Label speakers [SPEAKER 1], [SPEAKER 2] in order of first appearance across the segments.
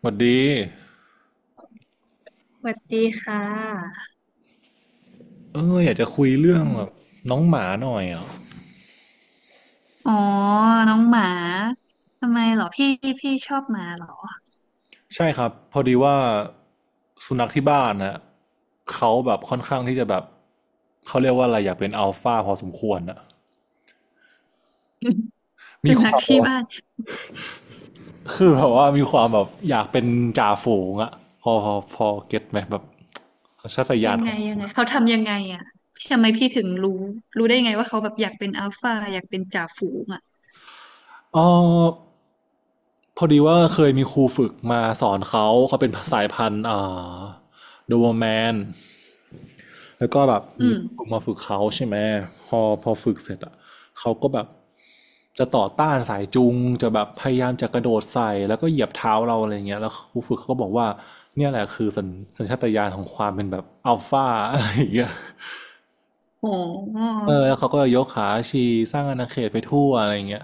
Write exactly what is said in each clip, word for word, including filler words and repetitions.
[SPEAKER 1] สวัสดี
[SPEAKER 2] สวัสดีค่ะ
[SPEAKER 1] เอออยากจะคุยเรื่องแบบน้องหมาหน่อยอ่ะ
[SPEAKER 2] อ๋อ น้องหมา ทำไมเหรอพี่พี่ชอบหมาเหรอ
[SPEAKER 1] ใช่ครับพอดีว่าสุนัขที่บ้านนะเขาแบบค่อนข้างที่จะแบบเขาเรียกว่าอะไรอยากเป็นอัลฟาพอสมควรอ่ะ มี
[SPEAKER 2] สุ
[SPEAKER 1] ค
[SPEAKER 2] นัข
[SPEAKER 1] วาม
[SPEAKER 2] ที่บ้าน
[SPEAKER 1] คือแบบว่ามีความแบบอยากเป็นจ่าฝูงอ่ะพอพอพอเก็ตไหมแบบสัญชาตญา
[SPEAKER 2] ยั
[SPEAKER 1] ณ
[SPEAKER 2] ง
[SPEAKER 1] ข
[SPEAKER 2] ไง
[SPEAKER 1] อ
[SPEAKER 2] ยังไง
[SPEAKER 1] ง
[SPEAKER 2] เขาทำยังไงอ่ะทำไมพี่ถึงรู้รู้ได้ไงว่าเขาแบบอยากเป็นอัลฟาอยากเป็นจ่าฝูงอ่ะ
[SPEAKER 1] เอ๋อพอดีว่าเคยมีครูฝึกมาสอนเขาเขาเป็นสายพันธุ์อ่าโดเบอร์แมน แล้วก็แบบ
[SPEAKER 2] อื
[SPEAKER 1] มี
[SPEAKER 2] ม
[SPEAKER 1] ฝึกมาฝึกเขาใช่ไหมพอพอฝึกเสร็จอ่ะเขาก็แบบจะต่อต้านสายจูงจะแบบพยายามจะกระโดดใส่แล้วก็เหยียบเท้าเราอะไรเงี้ยแล้วครูฝึกเขาก็บอกว่าเนี่ยแหละคือสัญสัญชาตญาณของความเป็นแบบอัลฟาอะไรอย่างเงี้ย
[SPEAKER 2] อ๋ออ๋
[SPEAKER 1] เออแล้วเขาก็ยกขาชีสร้างอาณาเขตไปทั่วอะไรเงี้ย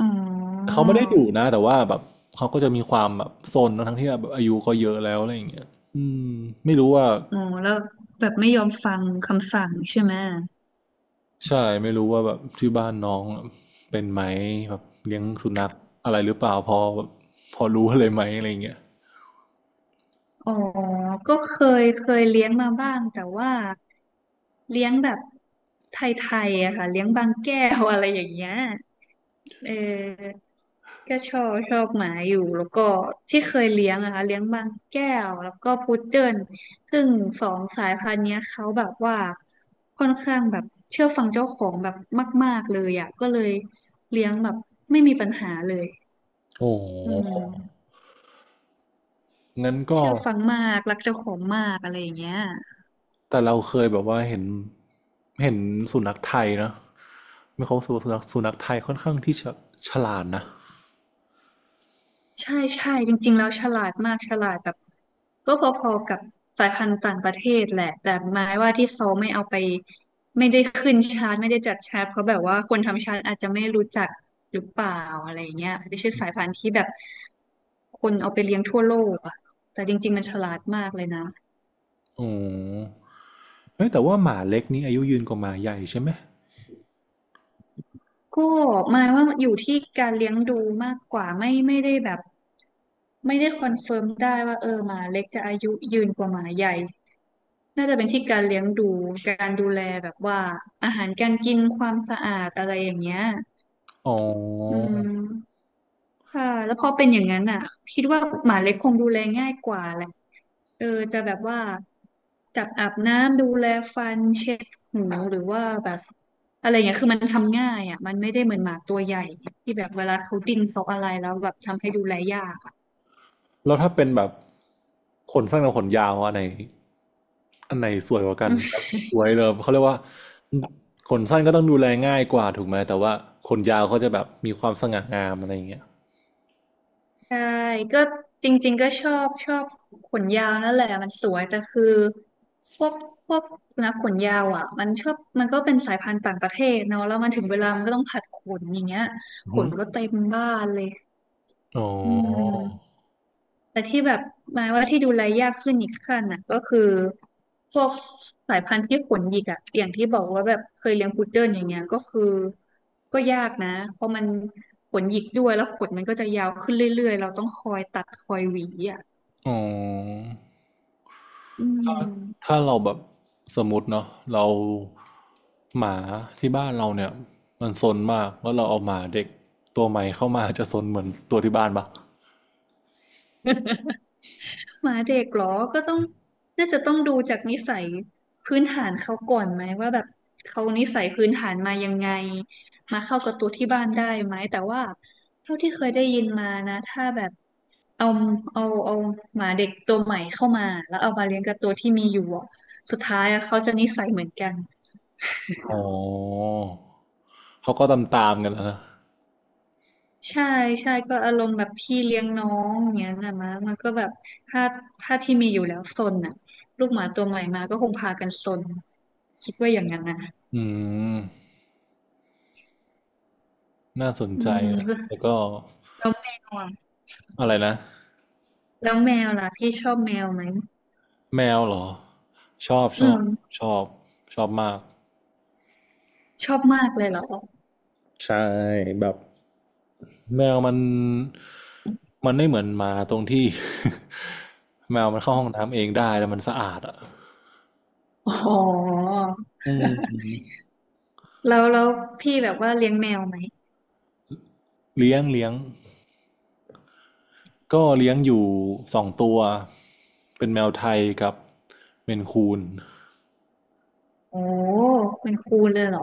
[SPEAKER 2] อ
[SPEAKER 1] เขาไม่ได้ดุนะแต่ว่าแบบเขาก็จะมีความแบบซนทั้งที่แบบอายุก็เยอะแล้วอะไรอย่างเงี้ยอืมไม่รู้ว่า
[SPEAKER 2] อ๋อแล้วแบบไม่ยอมฟังคำสั่งใช่ไหม
[SPEAKER 1] ใช่ไม่รู้ว่าแบบที่บ้านน้องเป็นไหมแบบเลี้ยงสุนัขอะไรหรือเปล่าพอแบบพอรู้อะไรไหมอะไรเงี้ย
[SPEAKER 2] อ๋อก็เคยเคยเลี้ยงมาบ้างแต่ว่าเลี้ยงแบบไทยๆอะค่ะเลี้ยงบางแก้วอะไรอย่างเงี้ยเออก็ชอบชอบหมาอยู่แล้วก็ที่เคยเลี้ยงอะค่ะเลี้ยงบางแก้วแล้วก็พุดเดิ้ลซึ่งสองสายพันธุ์เนี้ยเขาแบบว่าค่อนข้างแบบเชื่อฟังเจ้าของแบบมากๆเลยอะก็เลยเลี้ยงแบบไม่มีปัญหาเลย
[SPEAKER 1] โอ้โ
[SPEAKER 2] อื
[SPEAKER 1] ห
[SPEAKER 2] ม
[SPEAKER 1] งั้นก็
[SPEAKER 2] เชื่อฟังมาก รักเจ้าของมากอะไรอย่างเงี้ย
[SPEAKER 1] แต่เราเคยแบบว่าเห็นเห็นสุนัขไทยนะไม่เขาสสุนัขสุนัขไทยค่อนข้างที่จะฉลาดนะ
[SPEAKER 2] ใช่ใช่จริงๆแล้วฉลาดมากฉลาดแบบก็พอๆกับสายพันธุ์ต่างประเทศแหละแต่หมายว่าที่เขาไม่เอาไปไม่ได้ขึ้นชาร์ตไม่ได้จัดชาร์ตเพราะแบบว่าคนทำชาร์ตอาจจะไม่รู้จักหรือเปล่าอะไรเงี้ยไม่ใช่สายพันธุ์ที่แบบคนเอาไปเลี้ยงทั่วโลกอะแต่จริงๆมันฉลาดมากเลยนะ
[SPEAKER 1] อ๋อเฮ้ยแต่ว่าหมาเล็กนี้อายุยืนกว่าหมาใหญ่ใช่ไหม
[SPEAKER 2] ก็หมายว่าอยู่ที่การเลี้ยงดูมากกว่าไม่ไม่ได้แบบไม่ได้คอนเฟิร์มได้ว่าเออหมาเล็กจะอายุยืนกว่าหมาใหญ่ น่าจะเป็นที่การเลี้ยงดูการดูแลแบบว่าอาหารการกินความสะอาดอะไรอย่างเงี้ย
[SPEAKER 1] อ๋อ
[SPEAKER 2] อืมค่ะแล้วพอเป็นอย่างนั้นอ่ะคิดว่าหมาเล็กคงดูแลง่ายกว่าแหละเออจะแบบว่าจับอาบน้ำดูแลฟันเช็ดหูหรือว่าแบบอะไรงเงี้ยคือมันทำง่ายอ่ะมันไม่ได้เหมือนหมาตัวใหญ่ที่แบบเวลาเขาดิ้นเขาอะไรแล้วแบบทำให้ดูแลยากอะ
[SPEAKER 1] แล้วถ้าเป็นแบบขนสั้นกับขนยาวอันไหนอันไหนสวยกว่ากันแบบสวยเลยเขาเรียกว่าขนสั้นก็ต้องดูแลง่ายกว่าถูกไหมแต่ว่าขนยาวเขาจะแบบมีความสง่างามอะไรอย่างเงี้ย
[SPEAKER 2] ใช่ก็จริงๆก็ชอบชอบขนยาวนั่นแหละมันสวยแต่คือพวกพวกสุนัขขนยาวอ่ะมันชอบมันก็เป็นสายพันธุ์ต่างประเทศเนาะแล้วมันถึงเวลามันก็ต้องผัดขนอย่างเงี้ย
[SPEAKER 1] อือ
[SPEAKER 2] ข
[SPEAKER 1] หือ
[SPEAKER 2] นก็เต็มบ้านเลย
[SPEAKER 1] อ๋อ
[SPEAKER 2] อืม แต่ที่แบบหมายว่าที่ดูแลยากขึ้นอีกขั้นน่ะก็คือพวกสายพันธุ์ที่ขนหยิกอะอย่างที่บอกว่าแบบเคยเลี้ยงพุดเดิ้ลอย่างเงี้ยก็คือก็ยากนะเพราะมันขนหยิกด้วยแล้วขนมันก็จะยาวขึ้นเรื่อยๆเราต้องคอยตัดคอยหวีอ่ะ
[SPEAKER 1] อ๋อ
[SPEAKER 2] อื
[SPEAKER 1] ถ้า
[SPEAKER 2] ม
[SPEAKER 1] ถ้าเราแบบสมมติเนาะเราหมาที่บ้านเราเนี่ยมันซนมากแล้วเราเอาหมาเด็กตัวใหม่เข้ามาจะซนเหมือนตัวที่บ้านปะ
[SPEAKER 2] หมาเด็กเหรอก็ต้องน่าจะต้องดูจากนิสัยพื้นฐานเขาก่อนไหมว่าแบบเขานิสัยพื้นฐานมายังไงมาเข้ากับตัวที่บ้านได้ไหมแต่ว่าเท่าที่เคยได้ยินมานะถ้าแบบ เอาเอาเอาหมาเด็กตัวใหม่เข้ามาแล้วเอามาเลี้ยงกับตัวที่มีอยู่อะสุดท้ายอะเขาจะนิสัยเหมือนกัน
[SPEAKER 1] อ๋อเขาก็ตามตามกันแล้วนะ
[SPEAKER 2] ใช่ใช่ก็อารมณ์แบบพี่เลี้ยงน้องอย่างเงี้ยนะมะมันก็แบบถ้าถ้าที่มีอยู่แล้วซนอ่ะลูกหมาตัวใหม่มาก็คงพากันซนคิดว่าอย่างนั้นนะ
[SPEAKER 1] อืมน่าสน
[SPEAKER 2] อื
[SPEAKER 1] ใจ
[SPEAKER 2] ม
[SPEAKER 1] นะแล้
[SPEAKER 2] แ
[SPEAKER 1] วก็
[SPEAKER 2] ล้วแมวอะ
[SPEAKER 1] อะไรนะ
[SPEAKER 2] แล้วแมวล่ะพี่ชอบแมวไหม
[SPEAKER 1] แมวเหรอชอบช
[SPEAKER 2] อื
[SPEAKER 1] อบ
[SPEAKER 2] ม
[SPEAKER 1] ชอบชอบมาก
[SPEAKER 2] ชอบมากเลยเหรอ
[SPEAKER 1] ใช่แบบแมวมันมันไม่เหมือนหมาตรงที่ แมวมันเข้าห้องน้ำเองได้แล้วมันสะอาดอ่ะ
[SPEAKER 2] อ๋อ
[SPEAKER 1] อืม
[SPEAKER 2] แล้วแล้วพี่แบบว่าเลี้ยงแมวไหม
[SPEAKER 1] เลี้ยงเลี้ยงก็เลี้ยงอยู่สองตัวเป็นแมวไทยกับเมนคูน
[SPEAKER 2] โอ้เป็นครูเลยเหรอ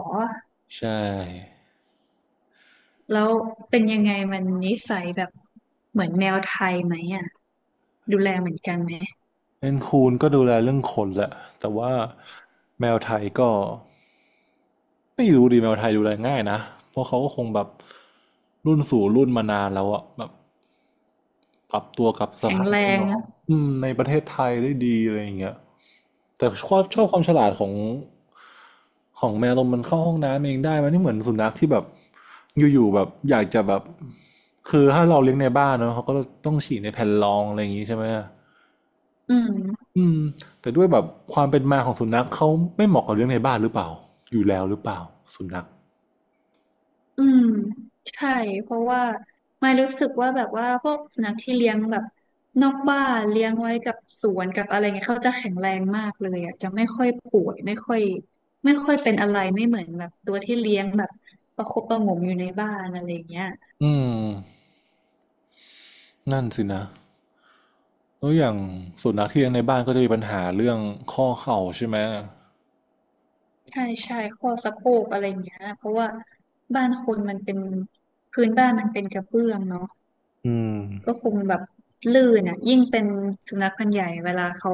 [SPEAKER 1] ใช่
[SPEAKER 2] แล้วเป็นยังไงมันนิสัยแบบเหมือนแมวไทยไหมอ่ะดูแลเหมือนกันไหม
[SPEAKER 1] เมนคูนก็ดูแลเรื่องขนแหละแต่ว่าแมวไทยก็ ไม่รู้ดีแมวไทยดูแลง่ายนะเพราะเขาก็คงแบบรุ่นสู่รุ่นมานานแล้วอะแบบปรับตัวกับส
[SPEAKER 2] แข็ง
[SPEAKER 1] ภาพ
[SPEAKER 2] แร
[SPEAKER 1] แวด
[SPEAKER 2] ง
[SPEAKER 1] ล้อ
[SPEAKER 2] อะ
[SPEAKER 1] มอืมในประเทศไทยได้ดีอะไรอย่างเงี้ยแต่ชอบชอบความฉลาดของของแมวตรงมันเข้าห้องน้ำเองได้มันไม่เหมือนสุนัขที่แบบอยู่ๆแบบอยากจะแบบคือถ้าเราเลี้ยงในบ้านเนาะเขาก็ต้องฉี่ในแผ่นรองอะไรอย่างงี้ใช่ไหม
[SPEAKER 2] อืม
[SPEAKER 1] อืมแต่ด้วยแบบความเป็นมาของสุนัขเขาไม่เหมาะกับเลี้ยงในบ้านหรือเปล่าอยู่แล้วหรือเปล่าสุนัข
[SPEAKER 2] อืมใช่เพราะว่าไม่รู้สึกว่าแบบว่าพวกสุนัขที่เลี้ยงแบบนอกบ้านเลี้ยงไว้กับสวนกับอะไรเงี้ยเขาจะแข็งแรงมากเลยอ่ะจะไม่ค่อยป่วยไม่ค่อยไม่ค่อยเป็นอะไรไม่เหมือนแบบตัวที่เลี้ยงแบบประคบประหงมอยู่ในบ้านอะไรเงี้ย
[SPEAKER 1] อืมนั่นสินะ แล้วอย่างสุนัขที่เลี้ยงในบ้านก็จะมีปัญหาเรื่องข้อเข่าใช่ไหม
[SPEAKER 2] ใช่ใช่ข้อสะโพกอะไรอย่างเงี้ยเพราะว่าบ้านคนมันเป็นพื้นบ้านมันเป็นกระเบื้องเนาะ
[SPEAKER 1] อืม
[SPEAKER 2] ก็คงแบบลื่นอ่ะยิ่งเป็นสุนัขพันธุ์ใหญ่เวลาเขา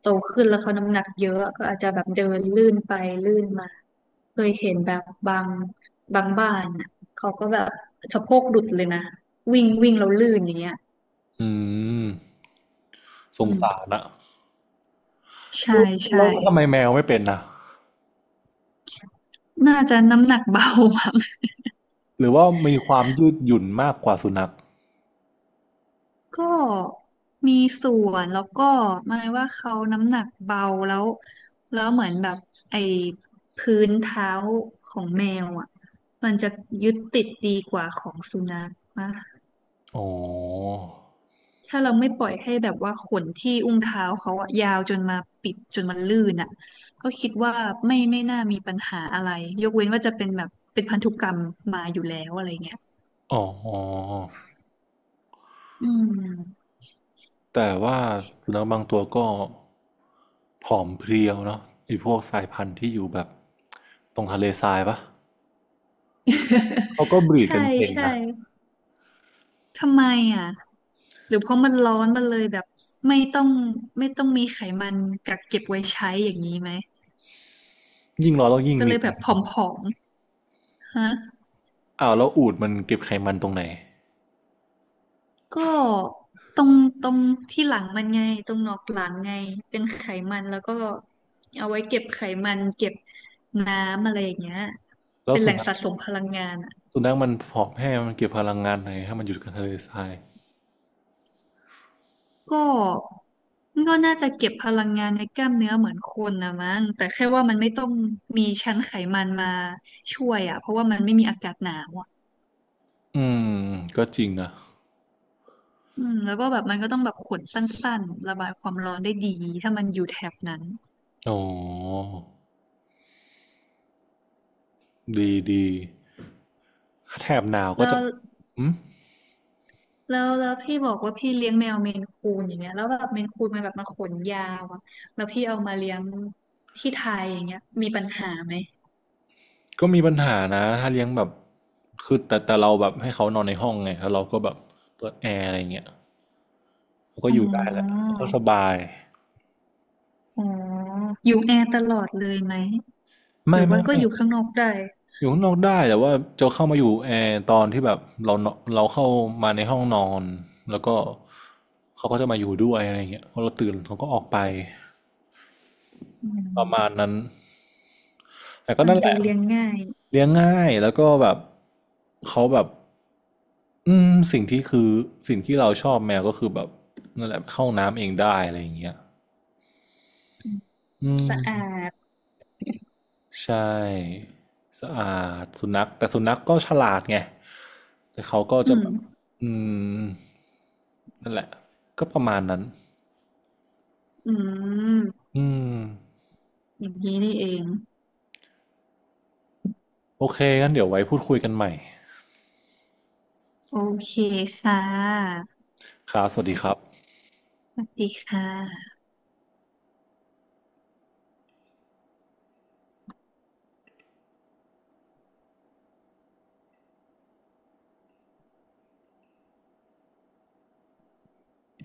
[SPEAKER 2] โตขึ้นแล้วเขาน้ำหนักเยอะก็อาจจะแบบเดินลื่นไปลื่นมาเคยเห็นแบบบางบางบ้านอ่ะเขาก็แบบสะโพกหลุดเลยนะวิ่งวิ่งแล้วลื่นอย่างเงี้ย
[SPEAKER 1] อืมส
[SPEAKER 2] อื
[SPEAKER 1] งสา
[SPEAKER 2] ม
[SPEAKER 1] รอะ
[SPEAKER 2] ใช่ใช่
[SPEAKER 1] แล้วทำไมแมวไม่เป็นนะ
[SPEAKER 2] น่าจะน้ำหนักเบาอะ
[SPEAKER 1] หรือว่ามีความยืดหยุ่นมากกว่าสุนัข
[SPEAKER 2] ก็มีส่วนแล้วก็หมายว่าเขาน้ำหนักเบาแล้วแล้วเหมือนแบบไอ้พื้นเท้าของแมวอ่ะมันจะยึดติดดีกว่าของสุนัขนะ
[SPEAKER 1] อ๋อ
[SPEAKER 2] ถ้าเราไม่ปล่อยให้แบบว่าขนที่อุ้งเท้าเขาอะยาวจนมาปิดจนมันลื่นอ่ะก็คิดว่าไม่ไม่น่ามีปัญหาอะไรยกเว้นว่าจะเป็นแบบเป็นพันธุกรรมมาอยู่แล้วอะไรเงี้ย
[SPEAKER 1] อ๋อ
[SPEAKER 2] อืม
[SPEAKER 1] แต่ว่าสุนัขบางตัวก็ผอมเพรียวเนาะไอ้พวกสายพันธุ์ที่อยู่แบบตรงทะเลทรายปะเขาก็บ รีด
[SPEAKER 2] ใช่
[SPEAKER 1] กันเก่ง
[SPEAKER 2] ใช่
[SPEAKER 1] นะ
[SPEAKER 2] ทำไมอ่ะหรือเพราะมันร้อนมันเลยแบบไม่ต้องไม่ต้องมีไขมันกักเก็บไว้ใช้อย่างนี้ไหม
[SPEAKER 1] ยิ่งร้อนแล้วยิ่ง
[SPEAKER 2] ก็
[SPEAKER 1] มี
[SPEAKER 2] เลย
[SPEAKER 1] แร
[SPEAKER 2] แบบ
[SPEAKER 1] ง
[SPEAKER 2] ผอมๆฮะ
[SPEAKER 1] อ้าวแล้วอูฐมันเก็บไขมันตรงไหน
[SPEAKER 2] ก็ตรงตรงที่หลังมันไงตรงหนอกหลังไงเป็นไขมันแล้วก็เอาไว้เก็บไขมันเก็บน้ำอะไรอย่างเงี้ย
[SPEAKER 1] แล้ว
[SPEAKER 2] เป็น
[SPEAKER 1] สุ
[SPEAKER 2] แหล่ง
[SPEAKER 1] นัข
[SPEAKER 2] สะสมพลังงาน
[SPEAKER 1] สุนัขมันผอมแห้งมันเก็บพลังงานไหนให้มันอยู่กับทะเลทราย
[SPEAKER 2] ก็มันก็น่าจะเก็บพลังงานในกล้ามเนื้อเหมือนคนนะมั้งแต่แค่ว่ามันไม่ต้องมีชั้นไขมันมาช่วยอ่ะเพราะว่ามันไม่มีอากาศหนาวอ่ะ
[SPEAKER 1] อืมก็จริงนะ
[SPEAKER 2] อืมแล้วก็แบบมันก็ต้องแบบขนสั้นๆระบายความร้อนได้ดีถ้ามันอยู่แถบนั้น
[SPEAKER 1] โอ้ดีดีแถบหนาวก็
[SPEAKER 2] แล้
[SPEAKER 1] จะ
[SPEAKER 2] ว
[SPEAKER 1] อืม
[SPEAKER 2] แล้วแล้วพี่บอกว่าพี่เลี้ยงแมวเมนคูนอย่างเงี้ยแล้วแบบเมนคูนมันแบบมาขนยาวอะแล้วพี่เอามาเลี้ยงที่ไทยอย่างเงี้ยมีปัญหาไหม
[SPEAKER 1] ก็มีปัญหานะถ้าเลี้ยงแบบคือแต่แต่เราแบบให้เขานอนในห้องไงแล้วเราก็แบบเปิดแอร์อะไรเงี้ยเขาก็
[SPEAKER 2] อ๋
[SPEAKER 1] อยู่ได้แหละ
[SPEAKER 2] อ
[SPEAKER 1] เขาก็สบาย
[SPEAKER 2] อ๋ออยู่แอร์ตลอดเลยไหมหรื
[SPEAKER 1] ไม่
[SPEAKER 2] อว่า
[SPEAKER 1] ไม่
[SPEAKER 2] ก็อ
[SPEAKER 1] ไม่
[SPEAKER 2] ยู่ข้างนอกได้
[SPEAKER 1] อยู่ข้างนอกได้แต่ว่าจะเข้ามาอยู่แอร์ตอนที่แบบเราเนเราเข้ามาในห้องนอนแล้วก็เขาก็จะมาอยู่ด้วยอะไรเงี้ยพอเราตื่นเขาก็ออกไป
[SPEAKER 2] อื
[SPEAKER 1] ประมาณ
[SPEAKER 2] ม
[SPEAKER 1] นั้น แต่ก็
[SPEAKER 2] ฟัง
[SPEAKER 1] นั่นแห
[SPEAKER 2] ดู
[SPEAKER 1] ละ
[SPEAKER 2] เลี้ยงง่าย
[SPEAKER 1] เลี้ยงง่ายแล้วก็แบบเขาแบบอืมสิ่งที่คือสิ่งที่เราชอบแมวก็คือแบบนั่นแหละเข้าน้ำเองได้อะไรอย่างเงี้ย
[SPEAKER 2] อืม
[SPEAKER 1] อืม
[SPEAKER 2] สะอาด
[SPEAKER 1] ใช่สะอาดสุนัขแต่สุนัขก็ฉลาดไงแต่เขาก็
[SPEAKER 2] อื
[SPEAKER 1] จะ
[SPEAKER 2] ม
[SPEAKER 1] แบบอืมนั่นแหละก็ประมาณนั้น
[SPEAKER 2] อืม
[SPEAKER 1] อืม
[SPEAKER 2] อย่างนี้นี่เอง
[SPEAKER 1] โอเคงั้นเดี๋ยวไว้พูดคุยกันใหม่
[SPEAKER 2] โอเคค่ะ
[SPEAKER 1] ครับสวัสดีครับ
[SPEAKER 2] สวัสดีค่ะ